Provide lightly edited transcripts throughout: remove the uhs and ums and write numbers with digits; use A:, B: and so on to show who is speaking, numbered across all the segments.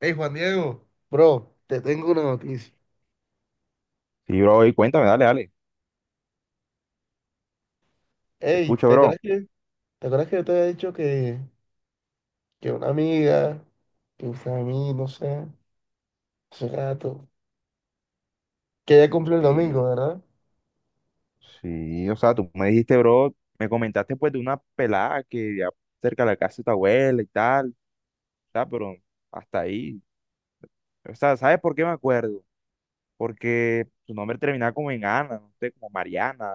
A: Hey, Juan Diego, bro, te tengo una noticia.
B: Sí, bro, y cuéntame, dale, dale. Te
A: Hey,
B: escucho, bro.
A: te acuerdas que yo te había dicho que una amiga, que usted a mí, no sé, hace rato, que ella cumple el
B: Sí,
A: domingo, ¿verdad?
B: sí, o sea, tú me dijiste, bro, me comentaste pues de una pelada que ya cerca de la casa de tu abuela y tal, o sea, pero hasta ahí. O sea, ¿sabes por qué me acuerdo? Porque su nombre terminaba como en Ana, no sé, como Mariana,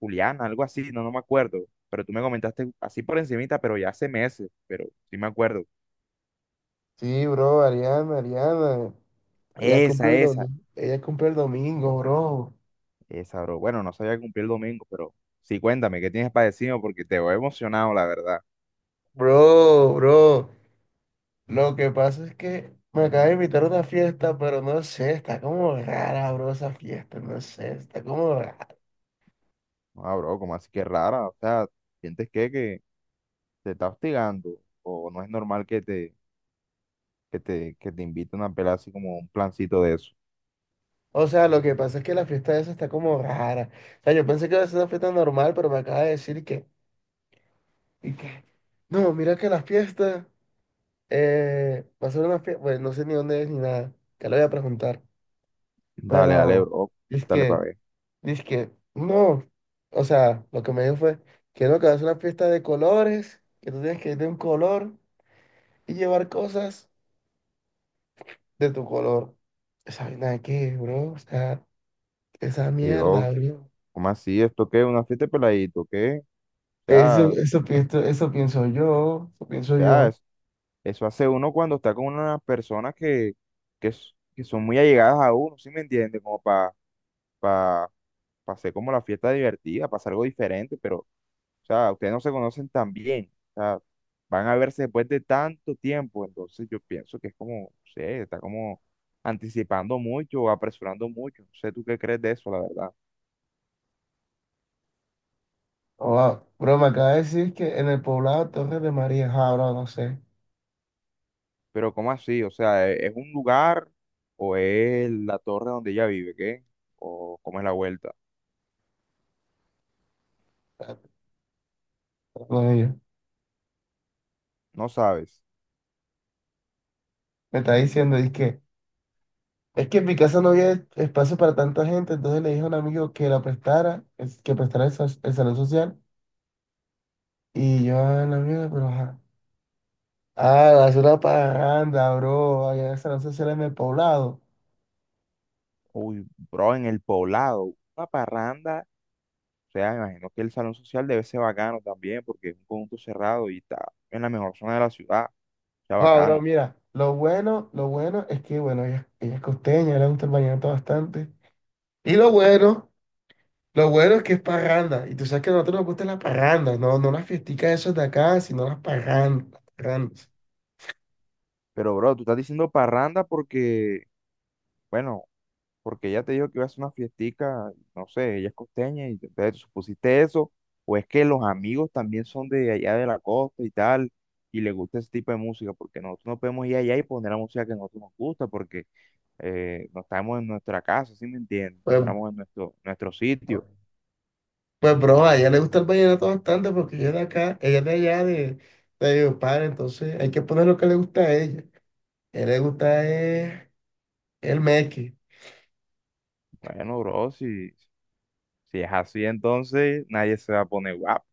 B: Juliana, algo así, no, no me acuerdo. Pero tú me comentaste así por encimita, pero ya hace meses, pero sí me acuerdo.
A: Sí, bro, Ariana, Ariana, ella cumple
B: Esa,
A: el
B: esa,
A: domingo, ella cumple el domingo, bro.
B: esa, bro. Bueno, no sabía cumplir el domingo, pero sí, cuéntame, ¿qué tienes para decirme? Porque te veo emocionado, la verdad.
A: Bro, lo que pasa es que me acaba de invitar a una fiesta, pero no sé, está como rara, bro, esa fiesta, no sé, está como rara.
B: Ah, bro, como así que rara? O sea, ¿sientes que te está hostigando? ¿O no es normal que te inviten a pelar así como un plancito de eso?
A: O sea, lo que pasa es que la fiesta esa está como rara. O sea, yo pensé que iba a ser una fiesta normal, pero me acaba de decir que, y que, no, mira que la fiesta va a ser una fiesta, pues no sé ni dónde es ni nada, que le voy a preguntar.
B: Dale, dale,
A: Pero,
B: bro,
A: dice
B: dale
A: que,
B: para ver.
A: dice que, no. O sea, lo que me dijo fue que no, que va a ser una fiesta de colores, que tú tienes que ir de un color y llevar cosas de tu color. Esa vaina de qué, bro, o sea, esa
B: Y bro,
A: mierda, bro.
B: ¿cómo así? ¿Esto qué? ¿Una fiesta de peladito? ¿Qué? O
A: Eso,
B: sea, o
A: eso pienso yo, eso pienso
B: sea,
A: yo.
B: es- Eso hace uno cuando está con unas personas que son muy allegadas a uno, ¿sí me entiendes? Como para pa, pa pa hacer como la fiesta divertida, para hacer algo diferente, pero... O sea, ustedes no se conocen tan bien. O sea, van a verse después de tanto tiempo. Entonces yo pienso que es como, no sé, está como anticipando mucho o apresurando mucho. No sé tú qué crees de eso, la verdad.
A: Oh, bro, me acaba de decir que en el poblado Torres de María, ah, bro, no sé.
B: Pero ¿cómo así? O sea, ¿es un lugar o es la torre donde ella vive? ¿Qué? ¿O cómo es la vuelta?
A: Con ellos.
B: No sabes.
A: Me está diciendo, es que en mi casa no había espacio para tanta gente, entonces le dije a un amigo que la prestara, es- que prestara el, sa- el salón social, y yo ah, la mierda pero ajá. Ah, hacer una parranda, bro, allá en el salón social en el poblado.
B: Uy, bro, en el poblado, una parranda. O sea, me imagino que el salón social debe ser bacano también porque es un conjunto cerrado y está en la mejor zona de la ciudad. O sea,
A: Wow,
B: bacano.
A: bro, mira, lo bueno es que, bueno, ella es costeña, le gusta el vallenato bastante. Y lo bueno. Lo bueno es que es parranda. Y tú sabes que a nosotros nos gustan las parrandas, no, no las fiesticas esas de acá, sino las parrandas. Las parrandas.
B: Pero, bro, tú estás diciendo parranda porque, bueno, porque ella te dijo que iba a hacer una fiestica, no sé, ella es costeña y entonces tú supusiste eso, o es que los amigos también son de allá de la costa y tal, y les gusta ese tipo de música, porque nosotros no podemos ir allá y poner la música que a nosotros nos gusta, porque no estamos en nuestra casa, ¿sí me entiendes?
A: Pues,
B: Estamos en nuestro sitio.
A: pues, bro, a ella le gusta el vallenato bastante porque ella es de acá, ella es de allá, de Valledupar, entonces hay que poner lo que le gusta a ella. A ella le gusta es el meque.
B: Bueno, bro, si es así, entonces nadie se va a poner guapo.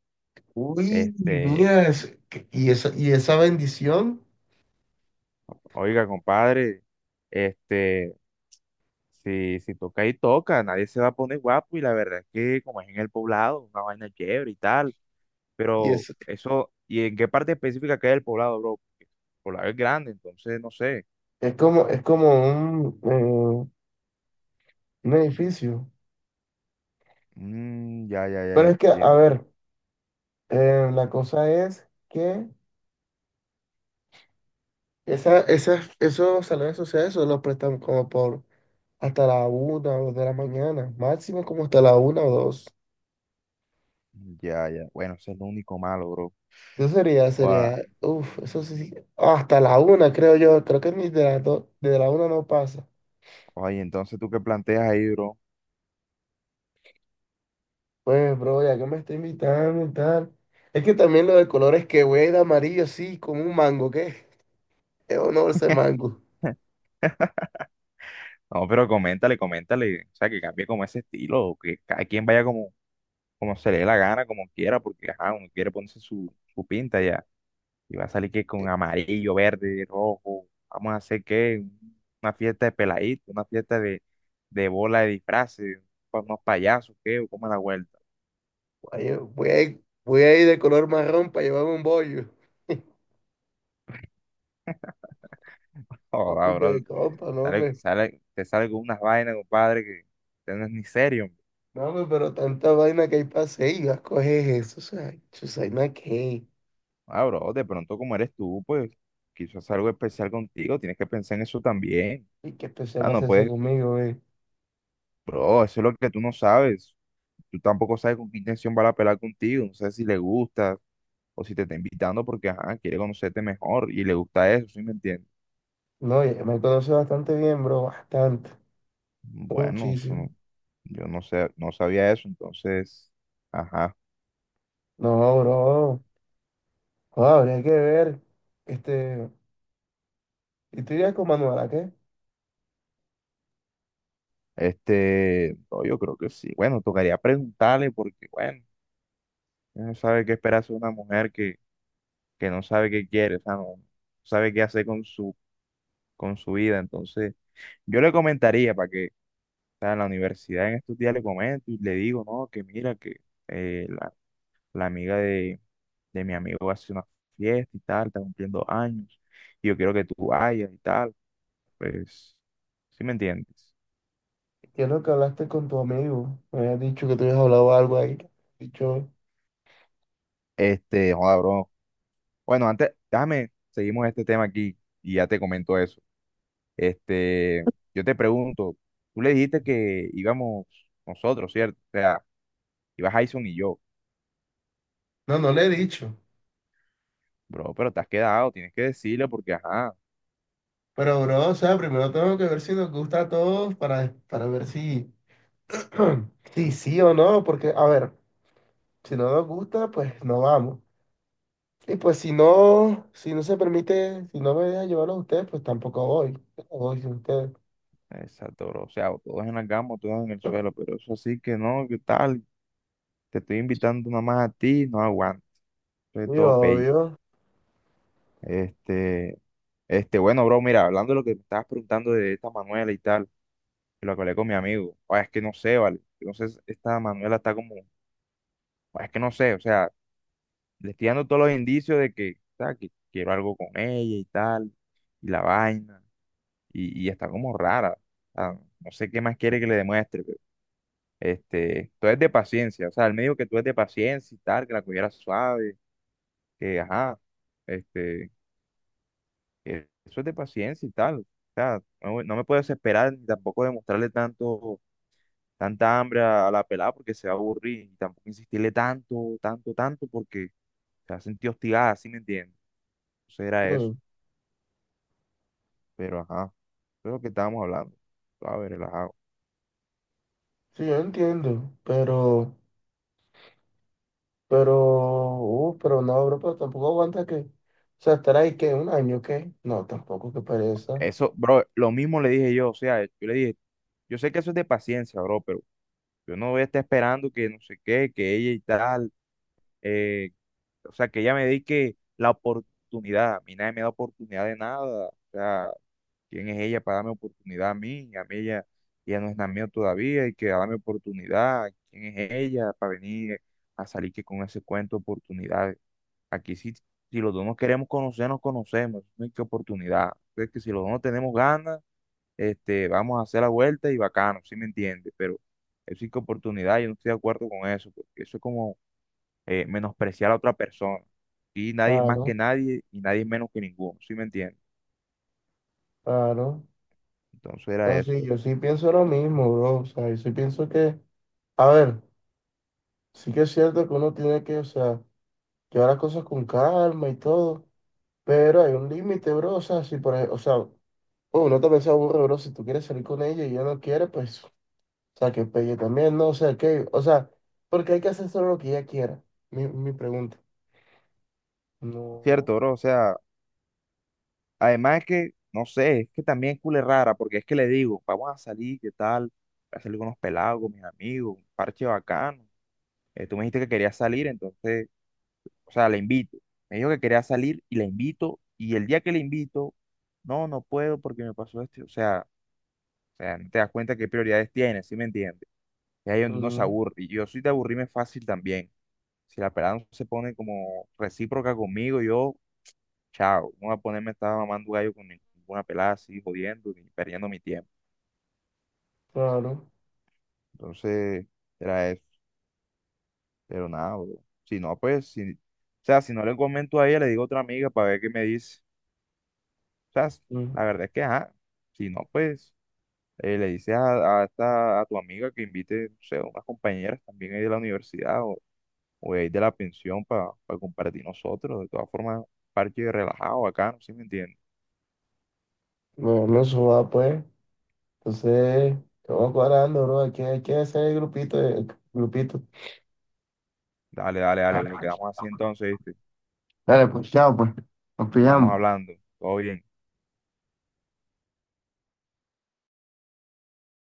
A: Uy,
B: Este,
A: mira, es- que- y esa bendición,
B: oiga, compadre, este. Si toca y toca, nadie se va a poner guapo y la verdad es que como es en el poblado, una vaina chévere y tal,
A: y
B: pero eso, ¿y en qué parte específica queda el poblado, bro? Porque el poblado es grande, entonces no sé.
A: es como un, eh, un edificio.
B: Mm, ya, ya, ya,
A: Pero
B: ya
A: es
B: te
A: que, a
B: entiendo.
A: ver, la cosa es que esa, esas, esos salones sociales solo prestan como por hasta la una o dos de la mañana, máximo como hasta la una o dos.
B: Ya, ya. Bueno, ese es lo único malo, bro.
A: Eso sería,
B: Oa-
A: sería, uff, eso sí, hasta la una creo yo, creo que ni de la, do- de la una no pasa.
B: Oye, entonces tú qué planteas ahí, bro.
A: Pues, bro, ya que me está invitando y tal. Es que también lo de colores que voy a ir de amarillo, sí, como un mango, ¿qué? Es honor ese mango.
B: No, pero coméntale, o sea, que cambie como ese estilo, o que cada quien vaya como, como se le dé la gana, como quiera, porque ajá, uno quiere ponerse su, su pinta ya. Y va a salir que
A: Eh,
B: con amarillo, verde, rojo. Vamos a hacer que una fiesta de peladito, una fiesta de bola de disfraces, unos payasos, ¿qué? ¿O cómo es la vuelta?
A: Voy a, voy a ir de color marrón para llevarme un bollo.
B: Ahora, bro,
A: Hombre, compa, no, hombre.
B: te sale con unas vainas, compadre, que no es ni serio, hombre.
A: No, hombre, pero tanta vaina que hay para hacer y vas a coger eso, o sea, Chusaina, ¿qué?
B: Ah, bro, de pronto como eres tú, pues quizás algo especial contigo, tienes que pensar en eso también.
A: ¿Y qué especial
B: Ah,
A: va a
B: no
A: hacerse
B: puedes,
A: conmigo, eh?
B: bro, eso es lo que tú no sabes. Tú tampoco sabes con qué intención va a pelar contigo, no sé si le gusta o si te está invitando porque ajá, quiere conocerte mejor y le gusta eso, ¿sí me entiendes?
A: No, ya me conoce bastante bien, bro, bastante,
B: Bueno, eso no-
A: muchísimo.
B: Yo no sé, no sabía eso, entonces, ajá,
A: No, bro, joder, habría que ver, este, y tú irías con Manuela, ¿qué?
B: este, no, yo creo que sí. Bueno, tocaría preguntarle porque, bueno, uno no sabe qué esperarse de una mujer que no sabe qué quiere, o sea, no sabe qué hacer con su vida, entonces, yo le comentaría para que, o sea, en la universidad en estos días le comento y le digo, no, que mira, que... eh, la amiga de mi amigo va a hacer una fiesta y tal, está cumpliendo años, y yo quiero que tú vayas y tal, pues, ¿sí me entiendes?
A: ¿Qué es lo que hablaste con tu amigo? Me habías dicho que tú habías hablado algo ahí, dicho...
B: Este, joda, bro. Bueno, antes, déjame, seguimos este tema aquí y ya te comento eso. Este, yo te pregunto, tú le dijiste que íbamos nosotros, ¿cierto? O sea, ibas Jason y yo,
A: No, no le he dicho,
B: bro, pero te has quedado, tienes que decirle porque, ajá,
A: pero, bro, o sea, primero tengo que ver si nos gusta a todos para ver si... Sí, sí o no, porque, a ver... Si no nos gusta, pues no vamos. Y pues si no, si no se permite, si no me dejan llevarlo a ustedes, pues tampoco voy. Yo no voy sin ustedes.
B: exacto, bro. O sea, o todos en la cama, o todos en el suelo, pero eso sí que no, ¿qué tal? Te estoy invitando nada más a ti, no aguanto, es
A: Muy
B: todo pay.
A: obvio.
B: Este, este, bueno, bro, mira, hablando de lo que me estabas preguntando de esta Manuela y tal, que lo que hablé con mi amigo, o es que no sé, vale, no sé, esta Manuela está como, "Oye, es que no sé, o sea, le estoy dando todos los indicios de que, o sea, que quiero algo con ella y tal, y la vaina, y está como rara, o sea, no sé qué más quiere que le demuestre, pero, este, tú eres de paciencia, o sea, él me dijo que tú eres de paciencia y tal, que la cogiera suave, que, ajá, este eso es de paciencia y tal. O sea, no me puedo desesperar ni tampoco demostrarle tanto, tanta hambre a la pelada porque se va a aburrir. Y tampoco insistirle tanto porque se va a sentir hostigada, ¿sí me entiendes? Eso
A: Sí,
B: era eso. Pero ajá, eso es lo que estábamos hablando. A ver, relajado.
A: sí, yo entiendo. Pero, pero no, bro, pero tampoco aguanta que, o sea, estar ahí que un año, ¿qué? No, tampoco, que pereza.
B: Eso, bro, lo mismo le dije yo. O sea, yo le dije, yo sé que eso es de paciencia, bro, pero yo no voy a estar esperando que no sé qué, que ella y tal. Eh, o sea, que ella me dedique la oportunidad. A mí nadie me da oportunidad de nada. O sea, ¿quién es ella para darme oportunidad a mí? A mí ella no es nada mía todavía y que darme oportunidad. ¿Quién es ella para venir a salir que con ese cuento de oportunidad? Aquí sí, si los dos nos queremos conocer, nos conocemos. No hay que oportunidad. Es que si los dos no tenemos ganas, este, vamos a hacer la vuelta y bacano, ¿sí me entiendes? Pero es sí que oportunidad, yo no estoy de acuerdo con eso, porque eso es como menospreciar a otra persona. Y nadie es más que
A: Claro,
B: nadie y nadie es menos que ninguno, ¿sí me entiendes?
A: claro.
B: Entonces era
A: No,
B: eso,
A: sí, yo
B: bro.
A: sí pienso lo mismo, bro. O sea, yo sí pienso que, a ver, sí que es cierto que uno tiene que, o sea, llevar las cosas con calma y todo. Pero hay un límite, bro. O sea, si por ejemplo, o sea, oh, uno también se aburre, bro. Si tú quieres salir con ella y ella no quiere, pues, o sea, que pelle también, ¿no? O sea, que, o sea, porque hay que hacer solo lo que ella quiera. Mi pregunta. No,
B: Cierto, bro, o sea, además que, no sé, es que también es cule rara, porque es que le digo, vamos a salir, ¿qué tal? Voy a salir con unos pelados, con mis amigos, un parche bacano. Tú me dijiste que querías salir, entonces, o sea, la invito. Me dijo que quería salir y la invito, y el día que la invito, no, no puedo porque me pasó esto. O sea, no te das cuenta qué prioridades tienes, ¿sí me entiendes? Y ahí es donde uno se
A: mm,
B: aburre. Y yo soy de aburrirme fácil también. Si la pelada no se pone como recíproca conmigo, yo chao, no voy a ponerme a estar mamando gallo con ninguna pelada así, jodiendo y perdiendo mi tiempo.
A: claro.
B: Entonces, era eso. Pero nada, bro. Si no, pues, si, o sea, si no le comento a ella, le digo a otra amiga para ver qué me dice. O sea,
A: Mm.
B: la verdad es que, ajá, si no, pues, le dices a tu amiga que invite, no sé, unas compañeras también ahí de la universidad o de ahí de la pensión para compartir nosotros. De todas formas, parche relajado, acá, ¿no? ¿Sí me entiendes?
A: Bueno, eso va, pues. Entonces, vamos cuadrando, bro. Hay que hacer el grupito, el grupito.
B: Dale, bro, quedamos así entonces, ¿viste?
A: Dale, pues, chao, pues. Nos
B: Estamos
A: pillamos.
B: hablando, todo bien.